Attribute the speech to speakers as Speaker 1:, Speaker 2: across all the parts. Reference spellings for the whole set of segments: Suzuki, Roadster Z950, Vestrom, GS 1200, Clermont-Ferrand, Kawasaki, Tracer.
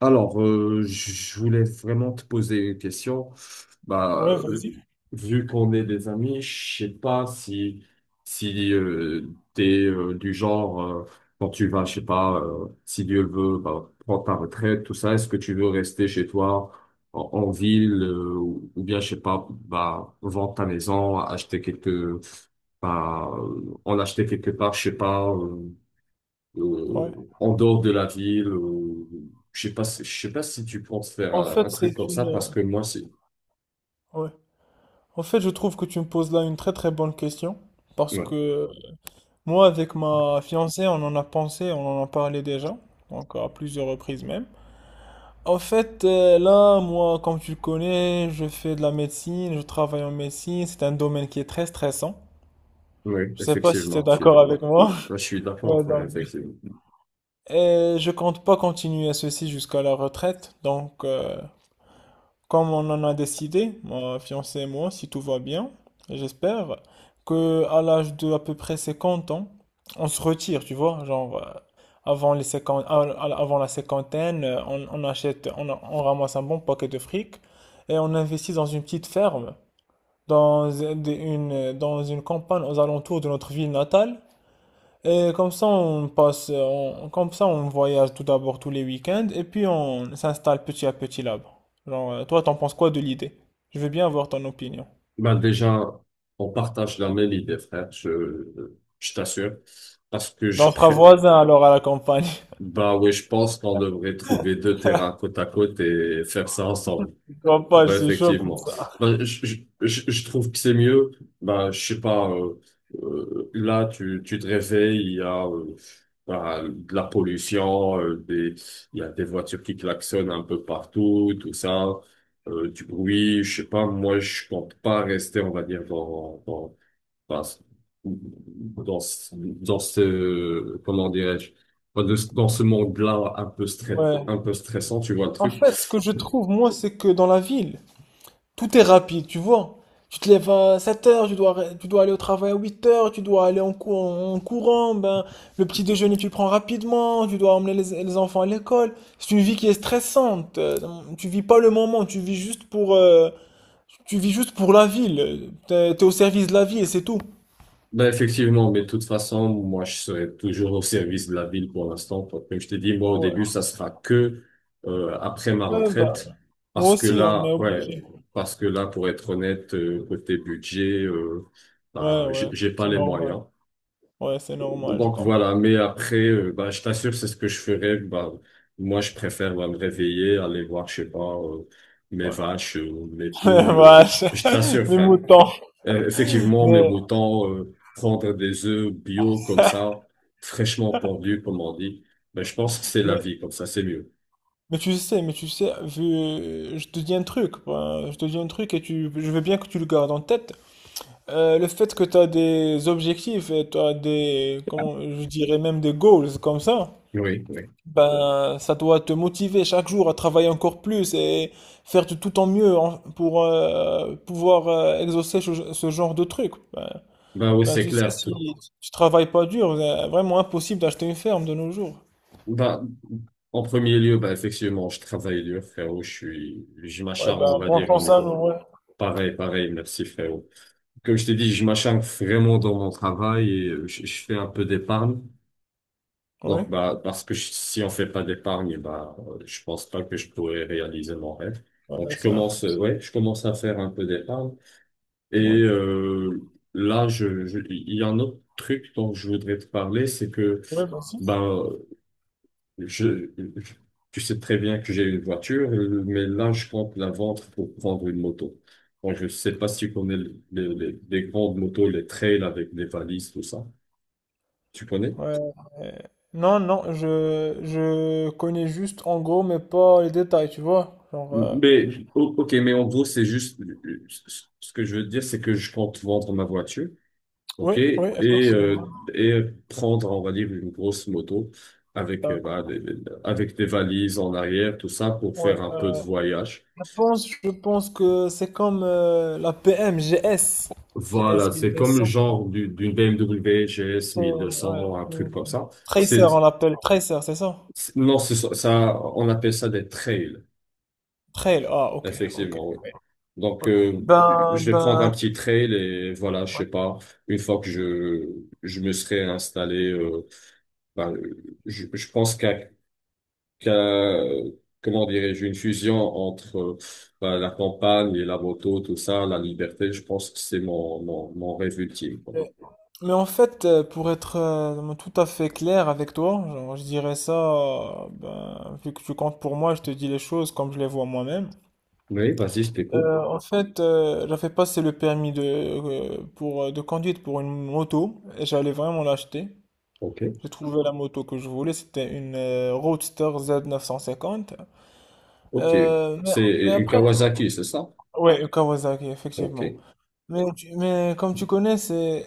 Speaker 1: Alors, je voulais vraiment te poser une question. Bah,
Speaker 2: Ouais, vas-y.
Speaker 1: euh, vu qu'on est des amis, je sais pas si t'es du genre, quand tu vas, je sais pas, si Dieu le veut, bah, prendre ta retraite, tout ça. Est-ce que tu veux rester chez toi en ville, ou bien je sais pas, bah vendre ta maison, acheter quelques, en acheter quelque part, je sais pas.
Speaker 2: Ouais.
Speaker 1: En dehors de la ville. Je sais pas, je sais pas si tu penses faire
Speaker 2: En
Speaker 1: un
Speaker 2: fait,
Speaker 1: truc comme
Speaker 2: c'est
Speaker 1: ça
Speaker 2: une.
Speaker 1: parce que moi, c'est.
Speaker 2: Ouais. En fait, je trouve que tu me poses là une très très bonne question parce
Speaker 1: Ouais,
Speaker 2: que moi, avec ma fiancée, on en a pensé, on en a parlé déjà, donc à plusieurs reprises même. En fait, là, moi, comme tu le connais, je fais de la médecine, je travaille en médecine, c'est un domaine qui est très stressant.
Speaker 1: ouais,
Speaker 2: Je sais pas si tu es
Speaker 1: effectivement, je suis
Speaker 2: d'accord avec
Speaker 1: d'accord.
Speaker 2: moi.
Speaker 1: Moi, je suis d'accord,
Speaker 2: Ouais,
Speaker 1: frère,
Speaker 2: donc,
Speaker 1: effectivement.
Speaker 2: et je compte pas continuer ceci jusqu'à la retraite, donc comme on en a décidé, ma fiancée et moi, si tout va bien, j'espère que à l'âge de à peu près 50 ans, on se retire, tu vois, genre, avant les 50 avant la cinquantaine, on achète, on ramasse un bon paquet de fric et on investit dans une petite ferme, dans une campagne aux alentours de notre ville natale et comme ça, comme ça, on voyage tout d'abord tous les week-ends et puis on s'installe petit à petit là-bas. Genre, toi, t'en penses quoi de l'idée? Je veux bien avoir ton opinion.
Speaker 1: Ben déjà, on partage la même idée, frère. Je t'assure, parce que
Speaker 2: Ben, on
Speaker 1: je
Speaker 2: sera
Speaker 1: pré...
Speaker 2: voisins alors à la campagne.
Speaker 1: Bah ouais, je pense qu'on devrait trouver deux terrains côte à côte et faire ça ensemble. Ah
Speaker 2: Campagne,
Speaker 1: bah,
Speaker 2: c'est chaud pour
Speaker 1: effectivement.
Speaker 2: ça.
Speaker 1: Bah, je trouve que c'est mieux. Bah, je sais pas, là, tu te réveilles, il y a, bah, de la pollution, il y a des voitures qui klaxonnent un peu partout, tout ça, du bruit, je sais pas, moi, je compte pas rester, on va dire, dans, ce- dans, comment dirais-je, dans ce monde-là un peu stress,
Speaker 2: Ouais.
Speaker 1: un peu stressant, tu vois le
Speaker 2: En
Speaker 1: truc.
Speaker 2: fait, ce que je trouve, moi, c'est que dans la ville, tout est rapide, tu vois. Tu te lèves à 7 heures, tu dois aller au travail à 8 heures, tu dois aller en courant, ben, le petit déjeuner tu le prends rapidement, tu dois emmener les enfants à l'école. C'est une vie qui est stressante. Tu vis pas le moment, tu vis juste pour la ville. T'es au service de la vie et c'est tout.
Speaker 1: Ben effectivement, mais de toute façon, moi, je serai toujours au service de la ville pour l'instant. Comme je t'ai dit, moi, au
Speaker 2: Ouais.
Speaker 1: début, ça sera que après ma
Speaker 2: Ouais, ben,
Speaker 1: retraite.
Speaker 2: moi
Speaker 1: Parce que
Speaker 2: aussi, on est
Speaker 1: là, ouais,
Speaker 2: obligé.
Speaker 1: parce que là, pour être honnête, côté budget, euh,
Speaker 2: Ouais,
Speaker 1: bah, j'ai
Speaker 2: ouais,
Speaker 1: j'ai pas
Speaker 2: c'est
Speaker 1: les
Speaker 2: normal.
Speaker 1: moyens.
Speaker 2: Ouais, c'est normal, je
Speaker 1: Donc
Speaker 2: comprends.
Speaker 1: voilà, mais après, bah, je t'assure, c'est ce que je ferais. Bah, moi, je préfère bah, me réveiller, aller voir, je sais pas, mes
Speaker 2: Ouais.
Speaker 1: vaches, mes poules.
Speaker 2: Vache,
Speaker 1: Je t'assure,
Speaker 2: mes
Speaker 1: frère.
Speaker 2: moutons.
Speaker 1: Effectivement, mais
Speaker 2: Mais,
Speaker 1: autant prendre des œufs bio comme ça, fraîchement pendus, comme on dit, ben, je pense que c'est la
Speaker 2: mais.
Speaker 1: vie, comme ça, c'est mieux.
Speaker 2: Mais tu sais, je te dis un truc, ben, je te dis un truc et je veux bien que tu le gardes en tête. Le fait que tu as des objectifs et tu as des, comment, je dirais même des goals comme ça,
Speaker 1: Oui, oui.
Speaker 2: ben, ça doit te motiver chaque jour à travailler encore plus et faire de tout ton mieux pour pouvoir exaucer ce genre de truc. Ben,
Speaker 1: Ben oui,
Speaker 2: ben,
Speaker 1: c'est
Speaker 2: tu sais,
Speaker 1: clair.
Speaker 2: si
Speaker 1: Tout...
Speaker 2: tu travailles pas dur, c'est vraiment impossible d'acheter une ferme de nos jours.
Speaker 1: Ben, en premier lieu, ben, effectivement, je travaille dur, frérot. Je suis, je
Speaker 2: Ouais,
Speaker 1: m'acharne,
Speaker 2: ben,
Speaker 1: on va
Speaker 2: bon
Speaker 1: dire, au
Speaker 2: chance à nous,
Speaker 1: niveau.
Speaker 2: ouais.
Speaker 1: Pareil, pareil, merci, frérot. Comme je t'ai dit, je m'acharne vraiment dans mon travail et je fais un peu d'épargne.
Speaker 2: Oui,
Speaker 1: Donc, bah, parce que si on fait pas d'épargne, bah, je pense pas que je pourrais réaliser mon rêve.
Speaker 2: ouais,
Speaker 1: Donc, je
Speaker 2: c'est
Speaker 1: commence,
Speaker 2: impossible.
Speaker 1: ouais, je commence à faire un peu d'épargne. Et
Speaker 2: Ouais.
Speaker 1: là, il y a un autre truc dont je voudrais te parler, c'est que,
Speaker 2: Ouais, vas-y.
Speaker 1: ben, je, je- tu sais très bien que j'ai une voiture, mais là, je compte la vendre pour prendre une moto. Donc, je sais pas si tu connais les grandes motos, les trails avec des valises, tout ça. Tu connais?
Speaker 2: Ouais. euh, Non, non, je connais juste en gros, mais pas les détails, tu vois. Genre,
Speaker 1: Ok, mais en gros, c'est juste, ce que je veux dire, c'est que je compte vendre ma voiture, ok,
Speaker 2: oui, oui, effectivement.
Speaker 1: et prendre, on va dire, une grosse moto avec,
Speaker 2: D'accord.
Speaker 1: avec des valises en arrière, tout ça, pour
Speaker 2: Ouais,
Speaker 1: faire un peu de voyage.
Speaker 2: je pense que c'est comme la PM GS, GS
Speaker 1: Voilà, c'est comme le
Speaker 2: 1200. Bon,
Speaker 1: genre d'une BMW GS
Speaker 2: c'est, ouais,
Speaker 1: 1200, un
Speaker 2: euh,
Speaker 1: truc comme ça.
Speaker 2: Tracer,
Speaker 1: C'est,
Speaker 2: on l'appelle Tracer, c'est ça?
Speaker 1: c'est- non, c'est ça, ça- On appelle ça des trails,
Speaker 2: Trail, ah, ok, ok.
Speaker 1: effectivement, oui. Donc,
Speaker 2: Ben,
Speaker 1: je vais prendre un
Speaker 2: ben,
Speaker 1: petit trail et voilà, je sais pas, une fois que je me serai installé, ben, je pense qu'à, comment dirais-je, une fusion entre ben, la campagne et la moto, tout ça, la liberté, je pense que c'est mon rêve ultime, quoi.
Speaker 2: ouais. Mais en fait, pour être tout à fait clair avec toi, genre, je dirais ça, ben, vu que tu comptes pour moi, je te dis les choses comme je les vois moi-même.
Speaker 1: Oui, vas-y, je t'écoute.
Speaker 2: En fait, j'avais passé le permis de, pour, de conduite pour une moto et j'allais vraiment l'acheter.
Speaker 1: Ok.
Speaker 2: J'ai trouvé la moto que je voulais, c'était une Roadster Z950.
Speaker 1: Ok.
Speaker 2: Euh, mais,
Speaker 1: C'est
Speaker 2: mais
Speaker 1: une
Speaker 2: après,
Speaker 1: Kawasaki, c'est ça?
Speaker 2: ouais, Kawasaki,
Speaker 1: Ok.
Speaker 2: effectivement. Mais comme tu connais, c'est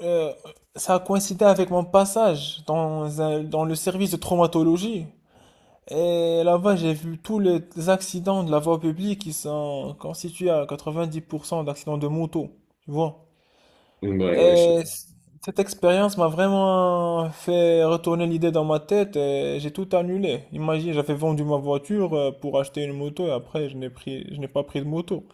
Speaker 2: Euh, ça a coïncidé avec mon passage dans le service de traumatologie. Et là-bas, j'ai vu tous les accidents de la voie publique qui sont constitués à 90% d'accidents de moto, tu vois.
Speaker 1: Ouais, ouais, je-
Speaker 2: Et c- cette expérience m'a vraiment fait retourner l'idée dans ma tête et j'ai tout annulé. Imagine, j'avais vendu ma voiture pour acheter une moto et après, je n'ai pas pris de moto.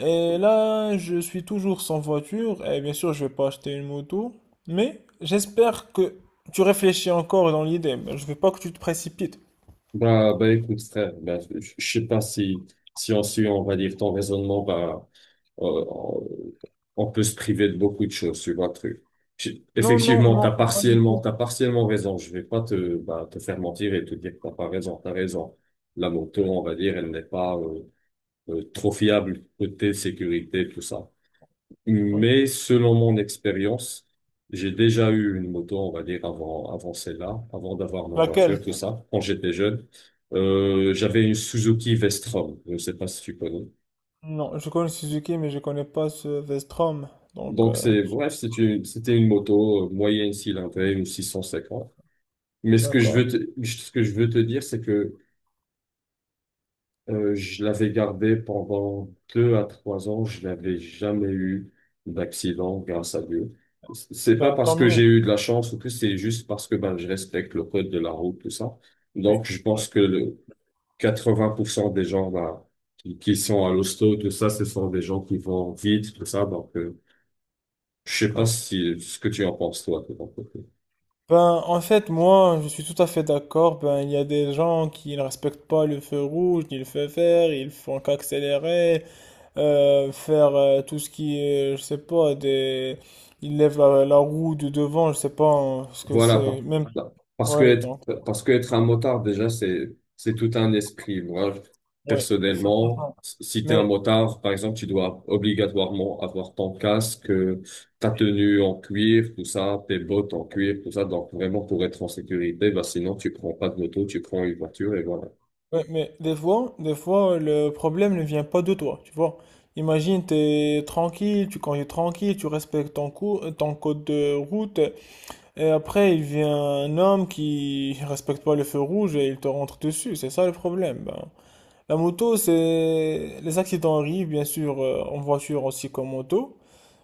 Speaker 2: Et là, je suis toujours sans voiture et bien sûr, je vais pas acheter une moto, mais j'espère que tu réfléchis encore dans l'idée. Mais je veux pas que tu te précipites.
Speaker 1: Bah, bah, écoute, frère, bah, je sais pas si, si on suit, on va dire, ton raisonnement, bah, euh, on peut se priver de beaucoup de choses sur un truc.
Speaker 2: Non, non,
Speaker 1: Effectivement,
Speaker 2: non, pas du tout.
Speaker 1: t'as partiellement raison. Je vais pas te, bah, te faire mentir et te dire que t'as pas raison. T'as raison. La moto,
Speaker 2: Oui,
Speaker 1: on va dire, elle n'est pas trop fiable côté sécurité, tout ça.
Speaker 2: oui.
Speaker 1: Mais selon mon expérience, j'ai déjà eu une moto, on va dire, avant celle-là, avant d'avoir ma
Speaker 2: Laquelle?
Speaker 1: voiture, tout ça, quand j'étais jeune. J'avais une Suzuki Vestrom. Je ne sais pas si tu connais.
Speaker 2: Non, je connais Suzuki, mais je connais pas ce Vestrom. Donc,
Speaker 1: Donc, c'était une moto moyenne cylindrée, une 650. Mais ce que
Speaker 2: d'accord.
Speaker 1: ce que je veux te dire, c'est que je l'avais gardée pendant deux à trois ans. Je n'avais jamais eu d'accident, grâce à Dieu. C'est pas
Speaker 2: Ben,
Speaker 1: parce
Speaker 2: tant
Speaker 1: que
Speaker 2: mieux.
Speaker 1: j'ai eu de la chance ou tout, c'est juste parce que ben, je respecte le code de la route, tout ça.
Speaker 2: Oui,
Speaker 1: Donc, je
Speaker 2: oui,
Speaker 1: pense que le 80% des gens ben, qui sont à l'hosto, tout ça, ce sont des gens qui vont vite, tout ça. Donc, je sais pas
Speaker 2: oui.
Speaker 1: si ce que tu en penses, toi, de ton côté.
Speaker 2: Ben, en fait, moi, je suis tout à fait d'accord. Ben, il y a des gens qui ne respectent pas le feu rouge, ni le feu vert, ils font qu'accélérer. Faire tout ce qui est, je sais pas, des. Il lève la roue du devant, je sais pas hein, ce que
Speaker 1: Voilà,
Speaker 2: c'est, même,
Speaker 1: par- parce que
Speaker 2: ouais, donc,
Speaker 1: être un motard, déjà, c'est tout un esprit.
Speaker 2: ouais,
Speaker 1: Personnellement,
Speaker 2: effectivement.
Speaker 1: si t'es un
Speaker 2: Mais,
Speaker 1: motard, par exemple, tu dois obligatoirement avoir ton casque, ta tenue en cuir, tout ça, tes bottes en cuir, tout ça. Donc, vraiment, pour être en sécurité, bah, sinon, tu prends pas de moto, tu prends une voiture et voilà.
Speaker 2: ouais, des fois, le problème ne vient pas de toi, tu vois. Imagine, t'es tranquille, tu conduis tranquille, tu respectes ton code de route, et après, il vient un homme qui respecte pas le feu rouge et il te rentre dessus, c'est ça le problème, ben. La moto, les accidents arrivent, bien sûr, en voiture aussi qu'en moto.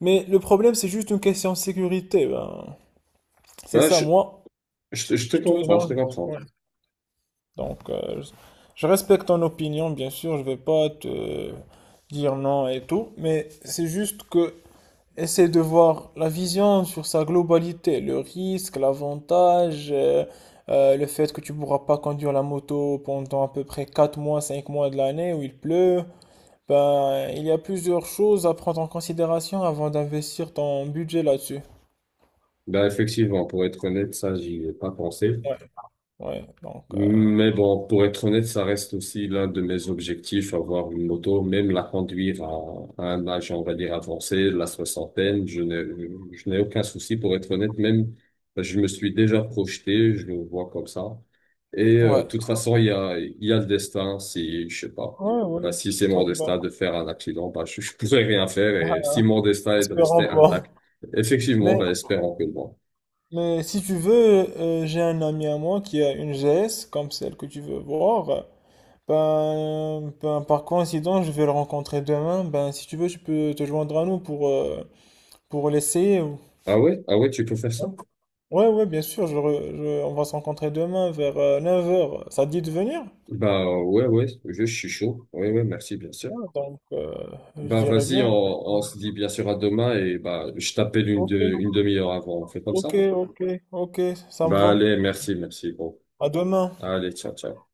Speaker 2: Mais le problème, c'est juste une question de sécurité. Ben. C'est
Speaker 1: Bah,
Speaker 2: ça,
Speaker 1: je,
Speaker 2: moi.
Speaker 1: je te
Speaker 2: Je te-
Speaker 1: comprends, je te
Speaker 2: Ouais.
Speaker 1: comprends.
Speaker 2: Donc, je respecte ton opinion, bien sûr. Je vais pas te dire non et tout. Mais c'est juste que. Essaie de voir la vision sur sa globalité. Le risque, l'avantage. Le fait que tu pourras pas conduire la moto pendant à peu près 4 mois, 5 mois de l'année où il pleut, ben, il y a plusieurs choses à prendre en considération avant d'investir ton budget là-dessus.
Speaker 1: Bah, effectivement, pour être honnête, ça, j'y ai pas pensé.
Speaker 2: Ouais, ouais, donc,
Speaker 1: Mais bon, pour être honnête, ça reste aussi l'un de mes objectifs, avoir une moto, même la conduire à un âge, on va dire, avancé, la
Speaker 2: ouais,
Speaker 1: soixantaine. Je n'ai aucun souci, pour être honnête, même, je me suis déjà projeté, je le vois comme ça. Et de
Speaker 2: ouais,
Speaker 1: toute façon, il y a le destin, si, je sais pas,
Speaker 2: ouais,
Speaker 1: bah,
Speaker 2: ouais.
Speaker 1: si c'est mon
Speaker 2: Très bien.
Speaker 1: destin de faire un accident, bah, je pourrais rien faire. Et si mon destin est de
Speaker 2: Espérons
Speaker 1: rester
Speaker 2: pas.
Speaker 1: intact, effectivement,
Speaker 2: Mais,
Speaker 1: bah, espérons que non.
Speaker 2: mais si tu veux, j'ai un ami à moi qui a une GS comme celle que tu veux voir. Ben, ben, par coïncidence, je vais le rencontrer demain. Ben, si tu veux, tu peux te joindre à nous pour l'essayer.
Speaker 1: Ah ouais? Ah ouais, tu peux faire ça?
Speaker 2: Ouais, ouais, bien sûr, on va se rencontrer demain vers 9 heures. Ça te dit de venir?
Speaker 1: Bah ouais, ouais, suis chaud. Ouais, ouais, merci, bien sûr.
Speaker 2: Ah, donc, je
Speaker 1: Bah
Speaker 2: dirais
Speaker 1: vas-y,
Speaker 2: bien.
Speaker 1: on se dit bien sûr à demain et bah je t'appelle
Speaker 2: Ok,
Speaker 1: une demi-heure avant. On fait comme ça?
Speaker 2: ok, ok, ok, ça me
Speaker 1: Bah
Speaker 2: va.
Speaker 1: allez, merci, merci, gros.
Speaker 2: À demain.
Speaker 1: Allez, ciao, ciao.